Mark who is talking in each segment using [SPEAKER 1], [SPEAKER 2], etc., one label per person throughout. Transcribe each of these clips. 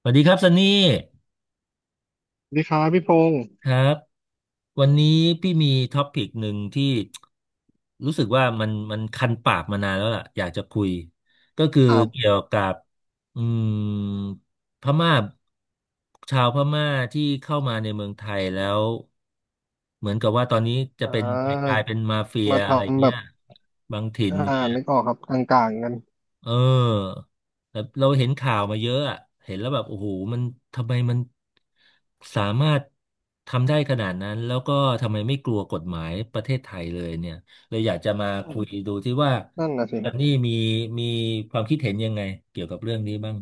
[SPEAKER 1] สวัสดีครับซันนี่
[SPEAKER 2] สวัสดีครับพี่พงศ์
[SPEAKER 1] ครับวันนี้พี่มีท็อปิกหนึ่งที่รู้สึกว่ามันคันปากมานานแล้วล่ะอยากจะคุยก็คือ
[SPEAKER 2] ครั
[SPEAKER 1] เกี่ย
[SPEAKER 2] บ
[SPEAKER 1] วกับอืมพม่าชาวพม่าที่เข้ามาในเมืองไทยแล้วเหมือนกับว่าตอนนี้จะ
[SPEAKER 2] อ่
[SPEAKER 1] เป็นกลา
[SPEAKER 2] า
[SPEAKER 1] ยเป็นมาเฟีย
[SPEAKER 2] มา
[SPEAKER 1] อะไร
[SPEAKER 2] ทำแบ
[SPEAKER 1] เงี้ย
[SPEAKER 2] บ
[SPEAKER 1] บางถิ่น
[SPEAKER 2] อ่า
[SPEAKER 1] เนี่ย
[SPEAKER 2] นึกออกครับกลางๆกัน
[SPEAKER 1] เออแต่เราเห็นข่าวมาเยอะอะเห็นแล้วแบบโอ้โหมันทำไมมันสามารถทำได้ขนาดนั้นแล้วก็ทำไมไม่กลัวกฎหมายประเทศไทยเลยเนี่ยเลยอยากจะมา
[SPEAKER 2] อื
[SPEAKER 1] คุย
[SPEAKER 2] ม
[SPEAKER 1] ดูที่ว่า
[SPEAKER 2] นั่นน่ะสิค
[SPEAKER 1] จั
[SPEAKER 2] รั
[SPEAKER 1] นนี่
[SPEAKER 2] บ
[SPEAKER 1] มีความคิดเห็นยังไงเกี่ยวกับเรื่องนี้บ้าง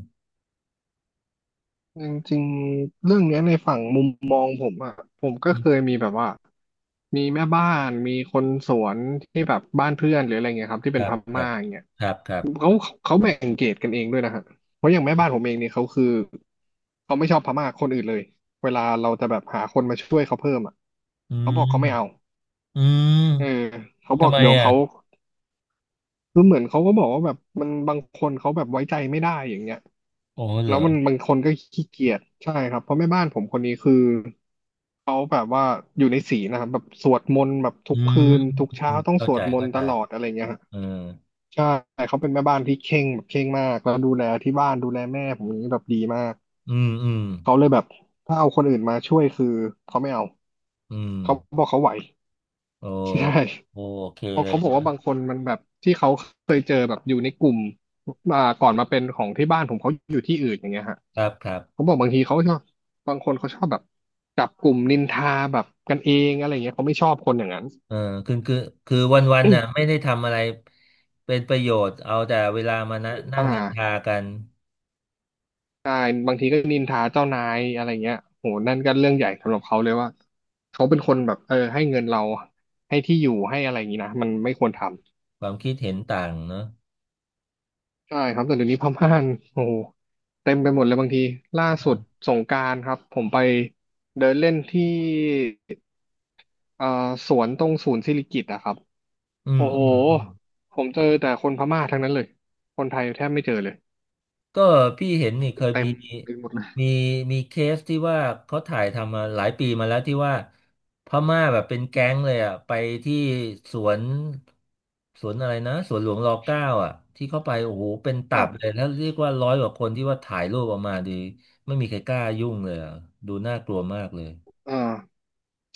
[SPEAKER 2] จริงๆเรื่องเนี้ยในฝั่งมุมมองผมอ่ะผมก็
[SPEAKER 1] อื
[SPEAKER 2] เคย
[SPEAKER 1] ม
[SPEAKER 2] มีแบบว่ามีแม่บ้านมีคนสวนที่แบบบ้านเพื่อนหรืออะไรเงี้ยครับที่
[SPEAKER 1] ค
[SPEAKER 2] เป็น
[SPEAKER 1] รั
[SPEAKER 2] พ
[SPEAKER 1] บครั
[SPEAKER 2] ม่า
[SPEAKER 1] บ
[SPEAKER 2] อย่างเงี้ย
[SPEAKER 1] ครับครับ
[SPEAKER 2] เขาเขาแบ่งเกรดกันเองด้วยนะฮะเพราะอย่างแม่บ้านผมเองเนี่ยเขาคือเขาไม่ชอบพม่าคนอื่นเลยเวลาเราจะแบบหาคนมาช่วยเขาเพิ่มอ่ะ
[SPEAKER 1] อื
[SPEAKER 2] เขาบ
[SPEAKER 1] ม
[SPEAKER 2] อกเขาไม่เอา
[SPEAKER 1] อืม
[SPEAKER 2] เออเขาบ
[SPEAKER 1] ทำ
[SPEAKER 2] อก
[SPEAKER 1] ไม
[SPEAKER 2] เดี๋ยว
[SPEAKER 1] อ่ะ
[SPEAKER 2] เขา คือเหมือนเขาก็บอกว่าแบบมันบางคนเขาแบบไว้ใจไม่ได้อย่างเงี้ย
[SPEAKER 1] โอ้เหร
[SPEAKER 2] แล้
[SPEAKER 1] อ
[SPEAKER 2] วมันบางคนก็ขี้เกียจใช่ครับเพราะแม่บ้านผมคนนี้คือเขาแบบว่าอยู่ในศีลนะครับแบบสวดมนต์แบบทุ
[SPEAKER 1] อื
[SPEAKER 2] กคื
[SPEAKER 1] ม
[SPEAKER 2] นทุกเช้าต้อง
[SPEAKER 1] เข้า
[SPEAKER 2] สว
[SPEAKER 1] ใจ
[SPEAKER 2] ดมน
[SPEAKER 1] เข้า
[SPEAKER 2] ต์ต
[SPEAKER 1] ใจ
[SPEAKER 2] ลอดอะไรเงี้ยฮะ
[SPEAKER 1] เออ
[SPEAKER 2] ใช่เขาเป็นแม่บ้านที่เคร่งแบบเคร่งมากแล้วดูแลที่บ้านดูแลแม่ผมอย่างนี้แบบดีมาก
[SPEAKER 1] อืมอืม
[SPEAKER 2] เขาเลยแบบถ้าเอาคนอื่นมาช่วยคือเขาไม่เอา
[SPEAKER 1] อืม
[SPEAKER 2] เขาบอกเขาไหว
[SPEAKER 1] โอ
[SPEAKER 2] ใช่
[SPEAKER 1] โอเค
[SPEAKER 2] เพราะ
[SPEAKER 1] เล
[SPEAKER 2] เขา
[SPEAKER 1] ย
[SPEAKER 2] บอก
[SPEAKER 1] นะ
[SPEAKER 2] ว่าบางคนมันแบบที่เขาเคยเจอแบบอยู่ในกลุ่มก่อนมาเป็นของที่บ้านผมเขาอยู่ที่อื่นอย่างเงี้ยฮะ
[SPEAKER 1] ครับครับ
[SPEAKER 2] เขาบอกบางทีเขาชอบบางคนเขาชอบแบบจับกลุ่มนินทาแบบกันเองอะไรเงี้ยเขาไม่ชอบคนอย่างนั้น
[SPEAKER 1] เออคือคือวันน่ะไม่ ได้ทำอะไรเป็นประโยชน์เอาแต่เวลามานะ
[SPEAKER 2] อ
[SPEAKER 1] นั่งนินทา
[SPEAKER 2] ่า
[SPEAKER 1] กัน
[SPEAKER 2] ใช่บางทีก็นินทาเจ้านายอะไรเงี้ยโหนั่นก็เรื่องใหญ่สำหรับเขาเลยว่าเขาเป็นคนแบบเออให้เงินเราให้ที่อยู่ให้อะไรอย่างงี้นะมันไม่ควรทำ
[SPEAKER 1] ความคิดเห็นต่างเนอะ
[SPEAKER 2] ใช่ครับแต่เดี๋ยวนี้พม่านโอ้โหเต็มไปหมดเลยบางทีล่าสุดสงกรานต์ครับผมไปเดินเล่นที่สวนตรงศูนย์สิริกิติ์อะครับ
[SPEAKER 1] อื
[SPEAKER 2] โอ้
[SPEAKER 1] ม
[SPEAKER 2] โห
[SPEAKER 1] อืมอืม
[SPEAKER 2] ผมเจอแต่คนพม่าทั้งนั้นเลยคนไทยแทบไม่เจอเลย
[SPEAKER 1] ก็พี่เห็นนี่เค
[SPEAKER 2] คือ
[SPEAKER 1] ย
[SPEAKER 2] เต็
[SPEAKER 1] มี
[SPEAKER 2] มไปหมดเลย
[SPEAKER 1] มีมีเคสที่ว่าเขาถ่ายทำมาหลายปีมาแล้วที่ว่าพม่าแบบเป็นแก๊งเลยอ่ะไปที่สวนสวนอะไรนะสวนหลวงรอเก้าอ่ะที่เข้าไปโอ้โหเป็น
[SPEAKER 2] ค
[SPEAKER 1] ตั
[SPEAKER 2] รั
[SPEAKER 1] บเลย
[SPEAKER 2] บ
[SPEAKER 1] แล้วเรียกว่าร้อยกว่าคนที่ว่าถ่ายรูปออกมาดีไม่มีใครกล้ายุ่งเลยอ่ะดูน่ากลัวมากเลย
[SPEAKER 2] อ่า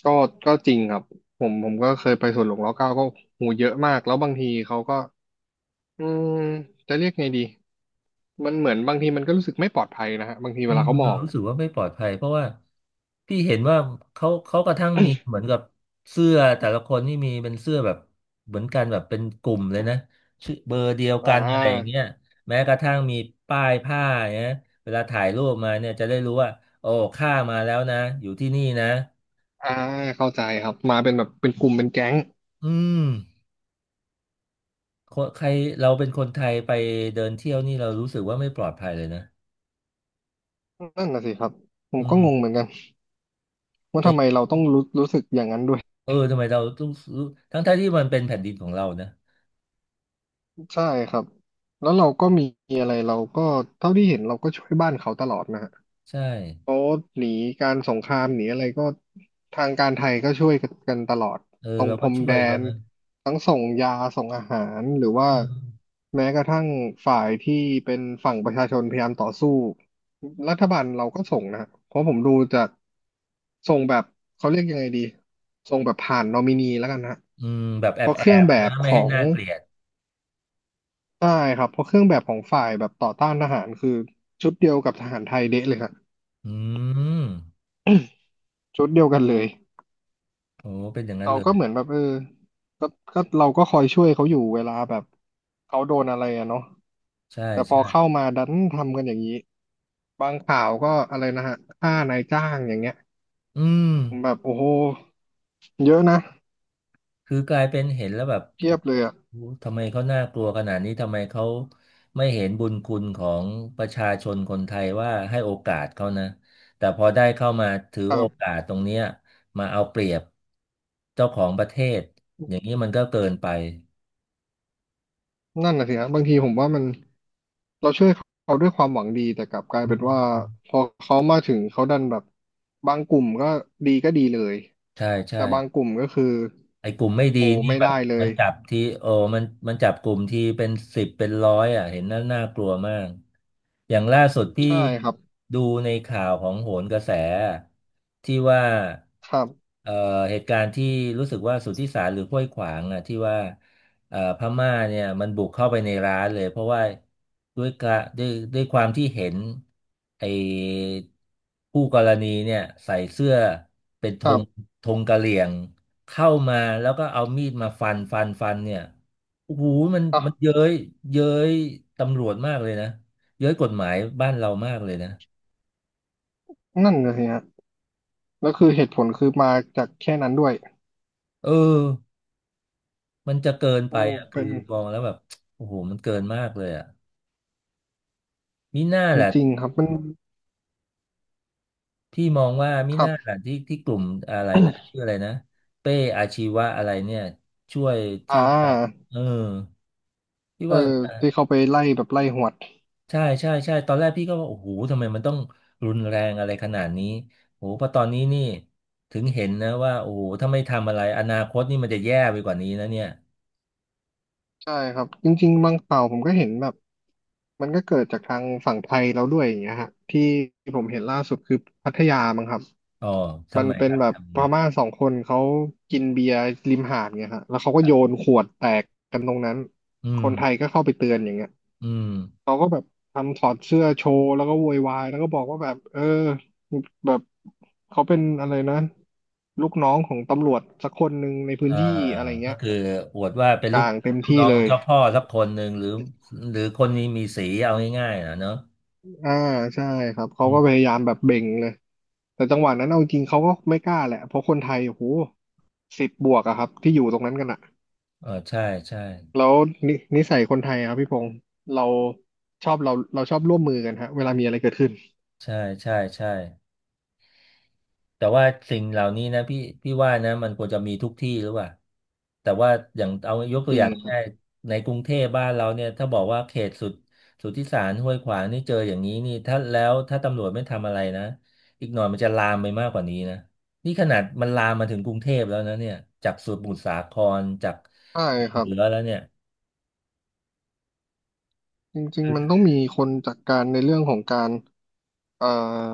[SPEAKER 2] ก็ก็จริงครับผมก็เคยไปสวนหลวงรัชกาลเกาก็หูเยอะมากแล้วบางทีเขาก็อืมจะเรียกไงดีมันเหมือนบางทีมันก็รู้สึกไม่ปลอดภัยนะฮะบางที
[SPEAKER 1] เื
[SPEAKER 2] เวลา
[SPEAKER 1] ม
[SPEAKER 2] เขาม
[SPEAKER 1] เรา
[SPEAKER 2] อง
[SPEAKER 1] รู้
[SPEAKER 2] อะ
[SPEAKER 1] สึกว่าไม่ปลอดภัยเพราะว่าพี่เห็นว่าเขากระทั่งมีเหมือนกับเสื้อแต่ละคนนี่มีเป็นเสื้อแบบเหมือนกันแบบเป็นกลุ่มเลยนะชื่อเบอร์เดียว
[SPEAKER 2] อ่
[SPEAKER 1] กันอะไรอย่าง
[SPEAKER 2] า
[SPEAKER 1] เงี้ยแม้กระทั่งมีป้ายผ้าเนี่ยเวลาถ่ายรูปมาเนี่ยจะได้รู้ว่าโอ้ข้ามาแล้วนะอยู่ที่นี่นะ
[SPEAKER 2] อ่าเข้าใจครับมาเป็นแบบเป็นกลุ่มเป็นแก๊ง
[SPEAKER 1] อืมคนใครเราเป็นคนไทยไปเดินเที่ยวนี่เรารู้สึกว่าไม่ปลอดภัยเลยนะ
[SPEAKER 2] นั่นน่ะสิครับผม
[SPEAKER 1] อื
[SPEAKER 2] ก็งง
[SPEAKER 1] ม
[SPEAKER 2] เหมือนกันว่าทำไม
[SPEAKER 1] แต่
[SPEAKER 2] เราต้องรู้สึกอย่างนั้นด้วย
[SPEAKER 1] เออทำไมเราต้องรู้ทั้งๆที่มันเป็นแผ่นดินของเรานะ
[SPEAKER 2] ใช่ครับแล้วเราก็มีอะไรเราก็เท่าที่เห็นเราก็ช่วยบ้านเขาตลอดนะฮะ
[SPEAKER 1] ใช่
[SPEAKER 2] เขาหนีการสงครามหนีอะไรก็ทางการไทยก็ช่วยกันตลอด
[SPEAKER 1] เอ
[SPEAKER 2] ต
[SPEAKER 1] อ
[SPEAKER 2] รง
[SPEAKER 1] เรา
[SPEAKER 2] พ
[SPEAKER 1] ก็
[SPEAKER 2] รม
[SPEAKER 1] ช่
[SPEAKER 2] แด
[SPEAKER 1] วยเขา
[SPEAKER 2] น
[SPEAKER 1] นะ
[SPEAKER 2] ทั้งส่งยาส่งอาหารหรือ
[SPEAKER 1] อื
[SPEAKER 2] ว่า
[SPEAKER 1] ม
[SPEAKER 2] แม้กระทั่งฝ่ายที่เป็นฝั่งประชาชนพยายามต่อสู้รัฐบาลเราก็ส่งนะเพราะผมดูจากส่งแบบเขาเรียกยังไงดีส่งแบบผ่านนอมินีแล้วกันฮะ
[SPEAKER 1] อืมแบบแอ
[SPEAKER 2] เพ
[SPEAKER 1] บ
[SPEAKER 2] ราะเค
[SPEAKER 1] แอ
[SPEAKER 2] รื่อง
[SPEAKER 1] บ
[SPEAKER 2] แบบ
[SPEAKER 1] นะ
[SPEAKER 2] ข
[SPEAKER 1] ไม่
[SPEAKER 2] อ
[SPEAKER 1] ให้
[SPEAKER 2] ง
[SPEAKER 1] น่าเกลียด
[SPEAKER 2] ใช่ครับเพราะเครื่องแบบของฝ่ายแบบต่อต้านทหารคือชุดเดียวกับทหารไทยเดะเลยครับ
[SPEAKER 1] อืม
[SPEAKER 2] ชุดเดียวกันเลย
[SPEAKER 1] โอ้เป็นอย่างนั้น
[SPEAKER 2] เขา
[SPEAKER 1] เล
[SPEAKER 2] ก็
[SPEAKER 1] ย
[SPEAKER 2] เหมือนแบบเออก็ก็เราก็คอยช่วยเขาอยู่เวลาแบบเขาโดนอะไรอะเนาะ
[SPEAKER 1] ใช่
[SPEAKER 2] แต่พอเข้า
[SPEAKER 1] ใช่
[SPEAKER 2] มาดันทำกันอย่างนี้ บางข่าวก็อะไรนะฮะฆ่านายจ้างอย่างเงี้ย
[SPEAKER 1] อืม
[SPEAKER 2] ผมแบบโอ้โหเยอะนะ
[SPEAKER 1] คือกลายเป็นเห็นแล้วแบบ
[SPEAKER 2] เที
[SPEAKER 1] โอ้
[SPEAKER 2] ยบเลยอะ
[SPEAKER 1] โหทำไมเขาน่ากลัวขนาดนี้ ทำไมเขาไม่เห็นบุญคุณของประชาชนคนไทยว่าให้โอกาสเขานะ แต่พอได้เข้ามาถือโอกาสตรงเนี้ยมาเอาเปรียบเจ้าของประเทศอย่างนี้มันก็เกินไป
[SPEAKER 2] นั่นน่ะสิฮะบางทีผมว่ามันเราช่วยเขาด้วยความหวังดีแต่กลับกลาย
[SPEAKER 1] อื
[SPEAKER 2] เป็นว่า
[SPEAKER 1] ม
[SPEAKER 2] พอเขามาถึงเขาดันแบบบางกลุ่มก็ดีก็ดีเลย
[SPEAKER 1] ใช่ใช่
[SPEAKER 2] แต่บางกลุ่มก็คือ
[SPEAKER 1] ไอ้กลุ่มไม่ดี
[SPEAKER 2] โอ้
[SPEAKER 1] นี่
[SPEAKER 2] ไม่
[SPEAKER 1] แบ
[SPEAKER 2] ได้
[SPEAKER 1] บ
[SPEAKER 2] เล
[SPEAKER 1] มั
[SPEAKER 2] ย
[SPEAKER 1] นจับที่โอ้มันจับกลุ่มที่เป็นสิบเป็นร้อยอ่ะเห็นน่ากลัวมากอย่างล่าสุดที่
[SPEAKER 2] ใช่ครับ
[SPEAKER 1] ดูในข่าวของโหนกระแสที่ว่า
[SPEAKER 2] ครับ
[SPEAKER 1] เอ่อเหตุการณ์ที่รู้สึกว่าสุทธิสารหรือห้วยขวางอ่ะที่ว่าพม่าเนี่ยมันบุกเข้าไปในร้านเลยเพราะว่าด้วยกะด้วยความที่เห็นไอ้คู่กรณีเนี่ยใส่เสื้อเป็นธ
[SPEAKER 2] ครั
[SPEAKER 1] ง
[SPEAKER 2] บ
[SPEAKER 1] ธงกะเหรี่ยง เข้ามาแล้วก็เอามีดมาฟันเนี่ยโอ้โหมัน
[SPEAKER 2] อ่ะ
[SPEAKER 1] เย้ยตำรวจมากเลยนะเย้ยกฎหมายบ้านเรามากเลยนะ
[SPEAKER 2] นั่นเลยฮะแล้วคือเหตุผลคือมาจากแค่นั้นด้วย
[SPEAKER 1] เออมันจะเกินไป
[SPEAKER 2] โอ้
[SPEAKER 1] อ่ะคือ
[SPEAKER 2] เป็น
[SPEAKER 1] มองแล้วแบบโอ้โหมันเกินมากเลยอ่ะมิน่า
[SPEAKER 2] จ
[SPEAKER 1] แหละ
[SPEAKER 2] ริงๆครับมัน
[SPEAKER 1] พี่มองว่ามิ
[SPEAKER 2] ครั
[SPEAKER 1] น่า
[SPEAKER 2] บ
[SPEAKER 1] แหละที่กลุ่มอะไรนะ ชื่ออะไรนะเป้อาชีวะอะไรเนี่ยช่วย
[SPEAKER 2] อ่
[SPEAKER 1] ที่ว่า
[SPEAKER 2] า
[SPEAKER 1] เออที่
[SPEAKER 2] เออ
[SPEAKER 1] ว่า
[SPEAKER 2] ที่เขาไปไล่แบบไล่หวด
[SPEAKER 1] ใช่ใช่ใช่ตอนแรกพี่ก็ว่าโอ้โหทำไมมันต้องรุนแรงอะไรขนาดนี้โอ้โหพอตอนนี้นี่ถึงเห็นนะว่าโอ้โหถ้าไม่ทำอะไรอนาคตนี่มันจะแย่ไปกว่านี้นะเนี่ย
[SPEAKER 2] ใช่ครับจริงๆบางข่าวผมก็เห็นแบบมันก็เกิดจากทางฝั่งไทยแล้วด้วยอย่างเงี้ยฮะที่ผมเห็นล่าสุดคือพัทยามั้งครับ
[SPEAKER 1] อ๋อ
[SPEAKER 2] มั
[SPEAKER 1] ทำ
[SPEAKER 2] น
[SPEAKER 1] ไม
[SPEAKER 2] เป็
[SPEAKER 1] ค
[SPEAKER 2] น
[SPEAKER 1] รับ
[SPEAKER 2] แบบ
[SPEAKER 1] ทำ
[SPEAKER 2] พ
[SPEAKER 1] นี้
[SPEAKER 2] ม่า2 คนเขากินเบียร์ริมหาดเงี้ยฮะแล้วเขาก็
[SPEAKER 1] ค
[SPEAKER 2] โย
[SPEAKER 1] รั
[SPEAKER 2] น
[SPEAKER 1] บ
[SPEAKER 2] ขวดแตกกันตรงนั้น
[SPEAKER 1] อื
[SPEAKER 2] ค
[SPEAKER 1] ม
[SPEAKER 2] นไทยก็เข้าไปเตือนอย่างเงี้ย
[SPEAKER 1] อืม
[SPEAKER 2] เขาก็แบบทำถอดเสื้อโชว์แล้วก็โวยวายแล้วก็บอกว่าแบบเออแบบเขาเป็นอะไรนะลูกน้องของตำรวจสักคน1ในพื้น
[SPEAKER 1] อ่า
[SPEAKER 2] ที่อะไร
[SPEAKER 1] ก็
[SPEAKER 2] เงี้ย
[SPEAKER 1] คืออวดว่าเป็น
[SPEAKER 2] ก
[SPEAKER 1] ลูก
[SPEAKER 2] ลางเต็ม
[SPEAKER 1] ลูก
[SPEAKER 2] ที่
[SPEAKER 1] น้อง
[SPEAKER 2] เล
[SPEAKER 1] ของ
[SPEAKER 2] ย
[SPEAKER 1] เจ้าพ่อสักคนหนึ่งหรือหรือคนนี้มีสีเอาง่ายๆนะเนอะ
[SPEAKER 2] อ่าใช่ครับเขา
[SPEAKER 1] อื
[SPEAKER 2] ก็พ
[SPEAKER 1] ม
[SPEAKER 2] ยายามแบบเบ่งเลยแต่จังหวะนั้นเอาจริงเขาก็ไม่กล้าแหละเพราะคนไทยโอ้โห10บวกอะครับที่อยู่ตรงนั้นกันอะ
[SPEAKER 1] เออใช่ใช่
[SPEAKER 2] แล้วนิสัยคนไทยอะครับพี่พงศ์เราเราชอบร่วมมือกันฮะเวลามีอะไรเกิดขึ้น
[SPEAKER 1] ใช่ใช่ใช่ แต่ว่าสิ่งเหล่านี้นะพี่ว่านะมันควรจะมีทุกที่หรือเปล่าแต่ว่าอย่างเอายกตั
[SPEAKER 2] จ
[SPEAKER 1] ว
[SPEAKER 2] ริ
[SPEAKER 1] อ
[SPEAKER 2] ง
[SPEAKER 1] ย่าง
[SPEAKER 2] ครั
[SPEAKER 1] ง่าย
[SPEAKER 2] บ
[SPEAKER 1] ๆในกรุงเทพบ้านเราเนี่ยถ้าบอกว่าเขตสุดสุทธิสารห้วยขวางนี่เจออย่างนี้นี่ถ้าแล้วถ้าตำรวจไม่ทำอะไรนะอีกหน่อยมันจะลามไปมากกว่านี้นะนี่ขนาดมันลามมาถึงกรุงเทพแล้วนะเนี่ยจากสมุทรสาครจาก
[SPEAKER 2] ใช่ครับ
[SPEAKER 1] เหนือแล้วเนี่ย
[SPEAKER 2] จริงๆมันต้องมีคนจัดการในเรื่องของการเอ่อ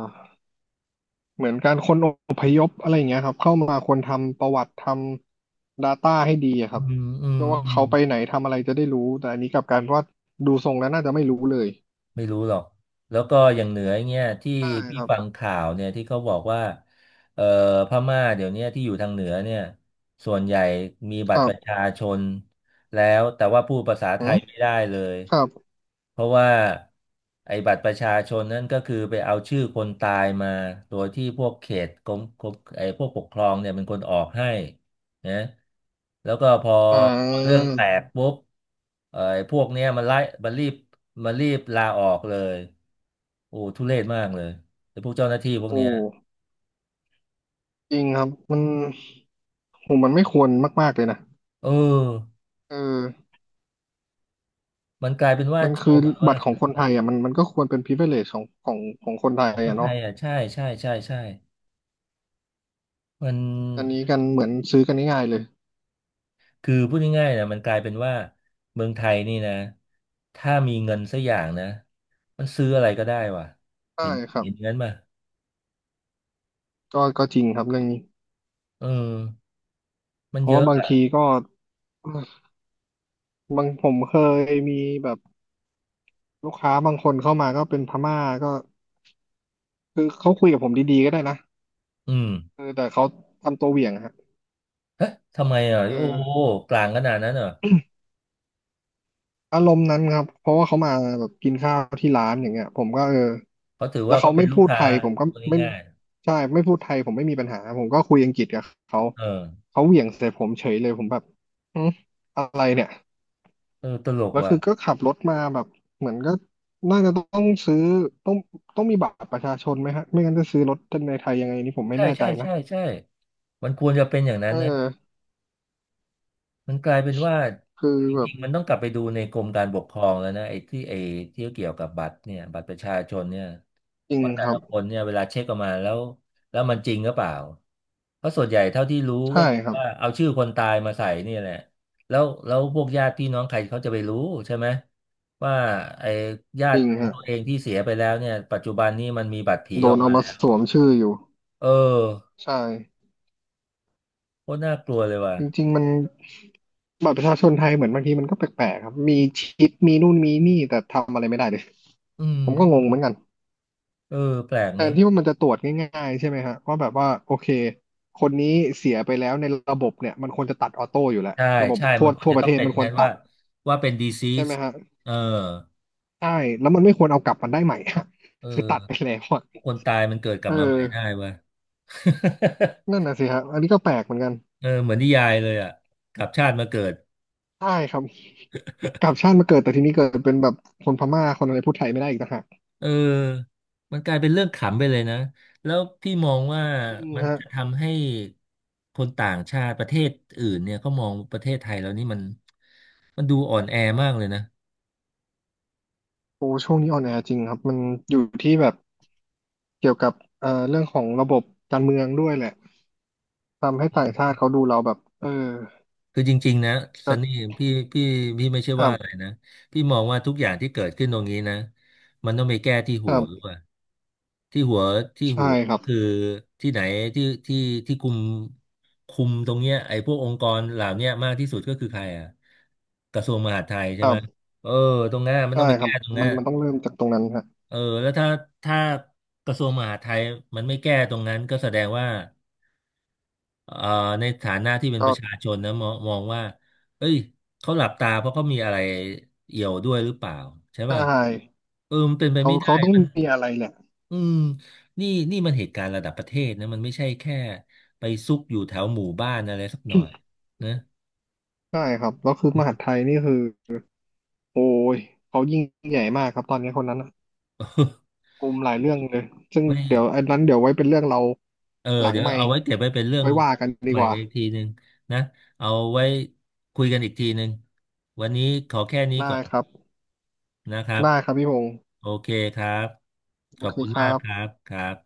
[SPEAKER 2] เหมือนการคนอพยพอะไรอย่างเงี้ยครับเข้ามาควรทำประวัติทำ Data ให้ดีอะค
[SPEAKER 1] อื
[SPEAKER 2] รับ
[SPEAKER 1] มอืม
[SPEAKER 2] เพื่อว่า
[SPEAKER 1] อืม
[SPEAKER 2] เขาไปไหนทำอะไรจะได้รู้แต่อันนี้กลับกลารว่าดูทรงแล้วน่าจะไม่รู้เลย
[SPEAKER 1] ไม่รู้หรอก แล้วก็อย่างเหนือเงี้ยที่
[SPEAKER 2] ใช่
[SPEAKER 1] พี่
[SPEAKER 2] ครับ
[SPEAKER 1] ฟังข่าวเนี่ยที่เขาบอกว่าเอ่อพม่าเดี๋ยวเนี้ยที่อยู่ทางเหนือเนี่ยส่วนใหญ่มีบั
[SPEAKER 2] ค
[SPEAKER 1] ตร
[SPEAKER 2] รั
[SPEAKER 1] ประ
[SPEAKER 2] บ
[SPEAKER 1] ชาชนแล้วแต่ว่าพูดภาษา
[SPEAKER 2] อื
[SPEAKER 1] ไทย
[SPEAKER 2] ม
[SPEAKER 1] ไม่ได้เลย
[SPEAKER 2] ครับ
[SPEAKER 1] เพราะว่าไอ้บัตรประชาชนนั่นก็คือไปเอาชื่อคนตายมาโดยที่พวกเขตกรมไอ้พวกปกครองเนี่ยเป็นคนออกให้ นะแล้วก็พอ
[SPEAKER 2] อ่
[SPEAKER 1] พอเรื่อง
[SPEAKER 2] า
[SPEAKER 1] แตกปุ๊บไอ้พวกเนี้ยมันไล่มันรีบมันรีบลาออกเลยโอ้ทุเรศมากเลยไอ้พวกเจ้าหน้าที่พวกเนี้
[SPEAKER 2] โอ้
[SPEAKER 1] ย
[SPEAKER 2] จริงครับมันโหมันไม่ควรมากๆเลยนะ
[SPEAKER 1] เออ
[SPEAKER 2] เออ
[SPEAKER 1] มันกลายเป็นว่า
[SPEAKER 2] มัน
[SPEAKER 1] โช
[SPEAKER 2] คือ
[SPEAKER 1] ว์เหมือนว่า
[SPEAKER 2] บัตรของคนไทยอ่ะมันก็ควรเป็น privilege ของคนไท
[SPEAKER 1] ข
[SPEAKER 2] ย
[SPEAKER 1] องคน
[SPEAKER 2] อ่ะ
[SPEAKER 1] ไท
[SPEAKER 2] เนาะ
[SPEAKER 1] ยอ่ะใช่ใช่ใช่ใช่มัน
[SPEAKER 2] อันนี้กันเหมือนซื้อกันง่ายๆเลย
[SPEAKER 1] คือพูดง่ายๆนะมันกลายเป็นว่าเมืองไทยนี่นะถ้ามีเงินสักอย่างนะมันซื้ออะไรก็ได้ว่ะ
[SPEAKER 2] ใช่
[SPEAKER 1] เห็น
[SPEAKER 2] ครับ
[SPEAKER 1] เห็นงั้นป่ะ
[SPEAKER 2] ก็จริงครับเรื่องนี้
[SPEAKER 1] เออมัน
[SPEAKER 2] เพ
[SPEAKER 1] เย
[SPEAKER 2] ราะว่า
[SPEAKER 1] อะ
[SPEAKER 2] บาง
[SPEAKER 1] อ่ะ
[SPEAKER 2] ทีก็บางผมเคยมีแบบลูกค้าบางคนเข้ามาก็เป็นพม่าก็คือเขาคุยกับผมดีๆก็ได้นะ
[SPEAKER 1] อืม
[SPEAKER 2] เออแต่เขาทำตัวเหวี่ยงอะฮะ
[SPEAKER 1] เอ๊ะทำไมอ่ะ
[SPEAKER 2] เอ
[SPEAKER 1] โอ้โห
[SPEAKER 2] อ
[SPEAKER 1] กลางขนาดนั้นเหรอ
[SPEAKER 2] อารมณ์นั้นครับเพราะว่าเขามาแบบกินข้าวที่ร้านอย่างเงี้ยผมก็เออ
[SPEAKER 1] เขาถือ
[SPEAKER 2] แล้
[SPEAKER 1] ว่า
[SPEAKER 2] ว
[SPEAKER 1] ก็
[SPEAKER 2] เขา
[SPEAKER 1] เป็
[SPEAKER 2] ไม่
[SPEAKER 1] นลูก
[SPEAKER 2] พูด
[SPEAKER 1] ค้า
[SPEAKER 2] ไทยผมก็
[SPEAKER 1] คน
[SPEAKER 2] ไม่
[SPEAKER 1] ง่าย
[SPEAKER 2] ใช่ไม่พูดไทยผมไม่มีปัญหาผมก็คุยอังกฤษกับเขา
[SPEAKER 1] ๆเออ
[SPEAKER 2] เขาเหวี่ยงใส่ผมเฉยเลยผมแบบอืมอะไรเนี่ย
[SPEAKER 1] เออตลก
[SPEAKER 2] แล้ว
[SPEAKER 1] ว่ะ
[SPEAKER 2] คือก็ขับรถมาแบบเหมือนก็น่าจะต้องซื้อต้องต้องมีบัตรประชาชนไหมฮะไม่งั้นจะซื้อรถในไทยยังไงนี่ผมไม่
[SPEAKER 1] ใช่
[SPEAKER 2] แน่
[SPEAKER 1] ใช่
[SPEAKER 2] ใจนะ
[SPEAKER 1] ใช่ใช่มันควรจะเป็นอย่างนั้น
[SPEAKER 2] เอ
[SPEAKER 1] นะ
[SPEAKER 2] อ
[SPEAKER 1] มันกลายเป็นว่า
[SPEAKER 2] คือ
[SPEAKER 1] จ
[SPEAKER 2] แบ
[SPEAKER 1] ริ
[SPEAKER 2] บ
[SPEAKER 1] งๆมันต้องกลับไปดูในกรมการปกครองแล้วนะไอ้ที่ไอ้ที่เกี่ยวกับบัตรเนี่ยบัตรประชาชนเนี่ย
[SPEAKER 2] จริง
[SPEAKER 1] ว่าแต่
[SPEAKER 2] ครับ
[SPEAKER 1] ละคนเนี่ยเวลาเช็คออกมาแล้วแล้วมันจริงหรือเปล่าเพราะส่วนใหญ่เท่าที่รู้
[SPEAKER 2] ใช่
[SPEAKER 1] ก็คือ
[SPEAKER 2] ครับ
[SPEAKER 1] ว่าเอาชื่อคนตายมาใส่เนี่ยแหละแล้วแล้วพวกญาติพี่น้องใครเขาจะไปรู้ใช่ไหมว่าไอ้ญา
[SPEAKER 2] จริ
[SPEAKER 1] ติ
[SPEAKER 2] ง
[SPEAKER 1] ของ
[SPEAKER 2] ฮะ
[SPEAKER 1] ตัวเองที่เสียไปแล้วเนี่ยปัจจุบันนี้มันมีบัตรผี
[SPEAKER 2] โด
[SPEAKER 1] ออ
[SPEAKER 2] น
[SPEAKER 1] ก
[SPEAKER 2] เอา
[SPEAKER 1] มา
[SPEAKER 2] มา
[SPEAKER 1] แล้ว
[SPEAKER 2] สวมชื่ออยู่
[SPEAKER 1] เออ
[SPEAKER 2] ใช่
[SPEAKER 1] โคตรน่ากลัวเลยว่ะ
[SPEAKER 2] จริงๆมันบัตรประชาชนไทยเหมือนบางทีมันก็แปลกๆครับมีชิปมีนู่นมีนี่แต่ทำอะไรไม่ได้เลย
[SPEAKER 1] อืม
[SPEAKER 2] ผมก็
[SPEAKER 1] อื
[SPEAKER 2] งง
[SPEAKER 1] ม
[SPEAKER 2] เหมือนกัน
[SPEAKER 1] เออแปลก
[SPEAKER 2] แท
[SPEAKER 1] เน
[SPEAKER 2] น
[SPEAKER 1] อะ
[SPEAKER 2] ที่ว่ามันจะตรวจง่ายๆใช่ไหมฮะว่าแบบว่าโอเคคนนี้เสียไปแล้วในระบบเนี่ยมันควรจะตัดออโต้อยู่แล้ว
[SPEAKER 1] ใช่
[SPEAKER 2] ระบบ
[SPEAKER 1] ใช่
[SPEAKER 2] ทั่
[SPEAKER 1] มั
[SPEAKER 2] ว
[SPEAKER 1] นควร
[SPEAKER 2] ทั่ว
[SPEAKER 1] จะ
[SPEAKER 2] ป
[SPEAKER 1] ต้
[SPEAKER 2] ระ
[SPEAKER 1] อ
[SPEAKER 2] เท
[SPEAKER 1] ง
[SPEAKER 2] ศ
[SPEAKER 1] เป็นอ
[SPEAKER 2] มัน
[SPEAKER 1] ย่าง
[SPEAKER 2] ควร
[SPEAKER 1] นั้น
[SPEAKER 2] ตั
[SPEAKER 1] ว่า
[SPEAKER 2] ด
[SPEAKER 1] ว่าเป็น
[SPEAKER 2] ใช่
[SPEAKER 1] disease
[SPEAKER 2] ไหมฮะ
[SPEAKER 1] เออ
[SPEAKER 2] ใช่แล้วมันไม่ควรเอากลับมันได้ใหม่อะ
[SPEAKER 1] เอ
[SPEAKER 2] คือตัดไป
[SPEAKER 1] อ
[SPEAKER 2] แล้วอะ
[SPEAKER 1] คนตายมันเกิดกลั
[SPEAKER 2] เอ
[SPEAKER 1] บมาใหม่ได้
[SPEAKER 2] อ
[SPEAKER 1] เว้ย
[SPEAKER 2] นั่น น่ะสิฮะอันนี้ก็แปลกเหมือนกัน
[SPEAKER 1] เออเหมือนนิยายเลยอ่ะกลับชาติมาเกิด
[SPEAKER 2] ใช่ครับกลับชาติมาเกิดแต่ทีนี้เกิดเป็นแบบคนพม่าคนอะไรพูดไทยไม่ได้อีกต่างหาก
[SPEAKER 1] เออมันกลายเป็นเรื่องขำไปเลยนะ แล้วพี่มองว่า
[SPEAKER 2] จริง
[SPEAKER 1] มัน
[SPEAKER 2] ฮะ
[SPEAKER 1] จะทำให้คนต่างชาติประเทศอื่นเนี่ยเขามองประเทศไทยเรานี่มันมันดูอ่อนแอมากเลยนะ
[SPEAKER 2] โอ้ช่วงนี้ออนแอร์จริงครับมันอยู่ที่แบบเกี่ยวกับเรื่องของระบบการเมืองด้วยแหละทำให้ต่างชาติเขาดูเราแบบเออ
[SPEAKER 1] คือจริงๆนะซั
[SPEAKER 2] ก็
[SPEAKER 1] นนี่พี่พี่พี่ไม่ใช่
[SPEAKER 2] คร
[SPEAKER 1] ว่า
[SPEAKER 2] บ
[SPEAKER 1] อะไรนะพี่มองว่าทุกอย่างที่เกิดขึ้นตรงนี้นะมันต้องไปแก้ที่
[SPEAKER 2] ค
[SPEAKER 1] หั
[SPEAKER 2] รั
[SPEAKER 1] วด้ว
[SPEAKER 2] บ
[SPEAKER 1] ยที่หัวที่
[SPEAKER 2] ใช่
[SPEAKER 1] หัว
[SPEAKER 2] ค
[SPEAKER 1] ก็
[SPEAKER 2] รับ
[SPEAKER 1] คือที่ไหนที่ที่ที่คุมคุมตรงเนี้ยไอ้พวกองค์กรเหล่าเนี้ยมากที่สุดก็คือใครอ่ะกระทรวงมหาดไทย
[SPEAKER 2] ค
[SPEAKER 1] ใช่
[SPEAKER 2] รั
[SPEAKER 1] ไหม
[SPEAKER 2] บ
[SPEAKER 1] เออตรงนั้นมัน
[SPEAKER 2] ใช่
[SPEAKER 1] ต้องไป
[SPEAKER 2] ครั
[SPEAKER 1] แก้
[SPEAKER 2] บ
[SPEAKER 1] ตรงนั้
[SPEAKER 2] มั
[SPEAKER 1] น
[SPEAKER 2] นมันต้องเริ่มจากตรงนั้นฮะ
[SPEAKER 1] เออแล้วถ้าถ้ากระทรวงมหาดไทยมันไม่แก้ตรงนั้นก็แสดงว่า เอ่อในฐานะที่เป็นป
[SPEAKER 2] ก็
[SPEAKER 1] ระชาชนนะมองมองว่าเอ้ยเขาหลับตาเพราะเขามีอะไรเอี่ยวด้วยหรือเปล่าใช่
[SPEAKER 2] ใช
[SPEAKER 1] ป่ะ
[SPEAKER 2] ่
[SPEAKER 1] เออมันเป็นไป
[SPEAKER 2] เขา
[SPEAKER 1] ไม่ได้
[SPEAKER 2] เขาต้อง
[SPEAKER 1] มัน
[SPEAKER 2] มีอะไรแหละ
[SPEAKER 1] อืมนี่นี่มันเหตุการณ์ระดับประเทศนะมันไม่ใช่แค่ไปซุกอยู่แถวหมู่บ้านอะไรสักหน่อยนะ
[SPEAKER 2] ใช่ครับแล้วคือมหาดไทยนี่คือโอ้ยเขายิ่งใหญ่มากครับตอนนี้คนนั้นน่ะ กลุ่มหลายเรื่องเลย ซึ่ง
[SPEAKER 1] ไม่
[SPEAKER 2] เดี๋ยวอันนั้นเดี๋ยวไว้เป็นเรื่องเรา
[SPEAKER 1] เออ
[SPEAKER 2] หลัง
[SPEAKER 1] เดี๋ยว
[SPEAKER 2] ไม
[SPEAKER 1] เอา
[SPEAKER 2] ค์
[SPEAKER 1] ไว้เก็บไว้เป็นเรื่อง
[SPEAKER 2] ไว้ว่ากันดี
[SPEAKER 1] ใหม่
[SPEAKER 2] กว่า
[SPEAKER 1] กันอีกทีหนึ่งนะเอาไว้คุยกันอีกทีหนึ่งวันนี้ขอแค่นี้
[SPEAKER 2] ได้
[SPEAKER 1] ก่อน
[SPEAKER 2] ครับ
[SPEAKER 1] นะครับ
[SPEAKER 2] ได้ครับพี่พงศ์
[SPEAKER 1] โอเคครับข
[SPEAKER 2] โอ
[SPEAKER 1] อบ
[SPEAKER 2] เค
[SPEAKER 1] คุณ
[SPEAKER 2] ครั
[SPEAKER 1] มากครั
[SPEAKER 2] บ
[SPEAKER 1] บครับ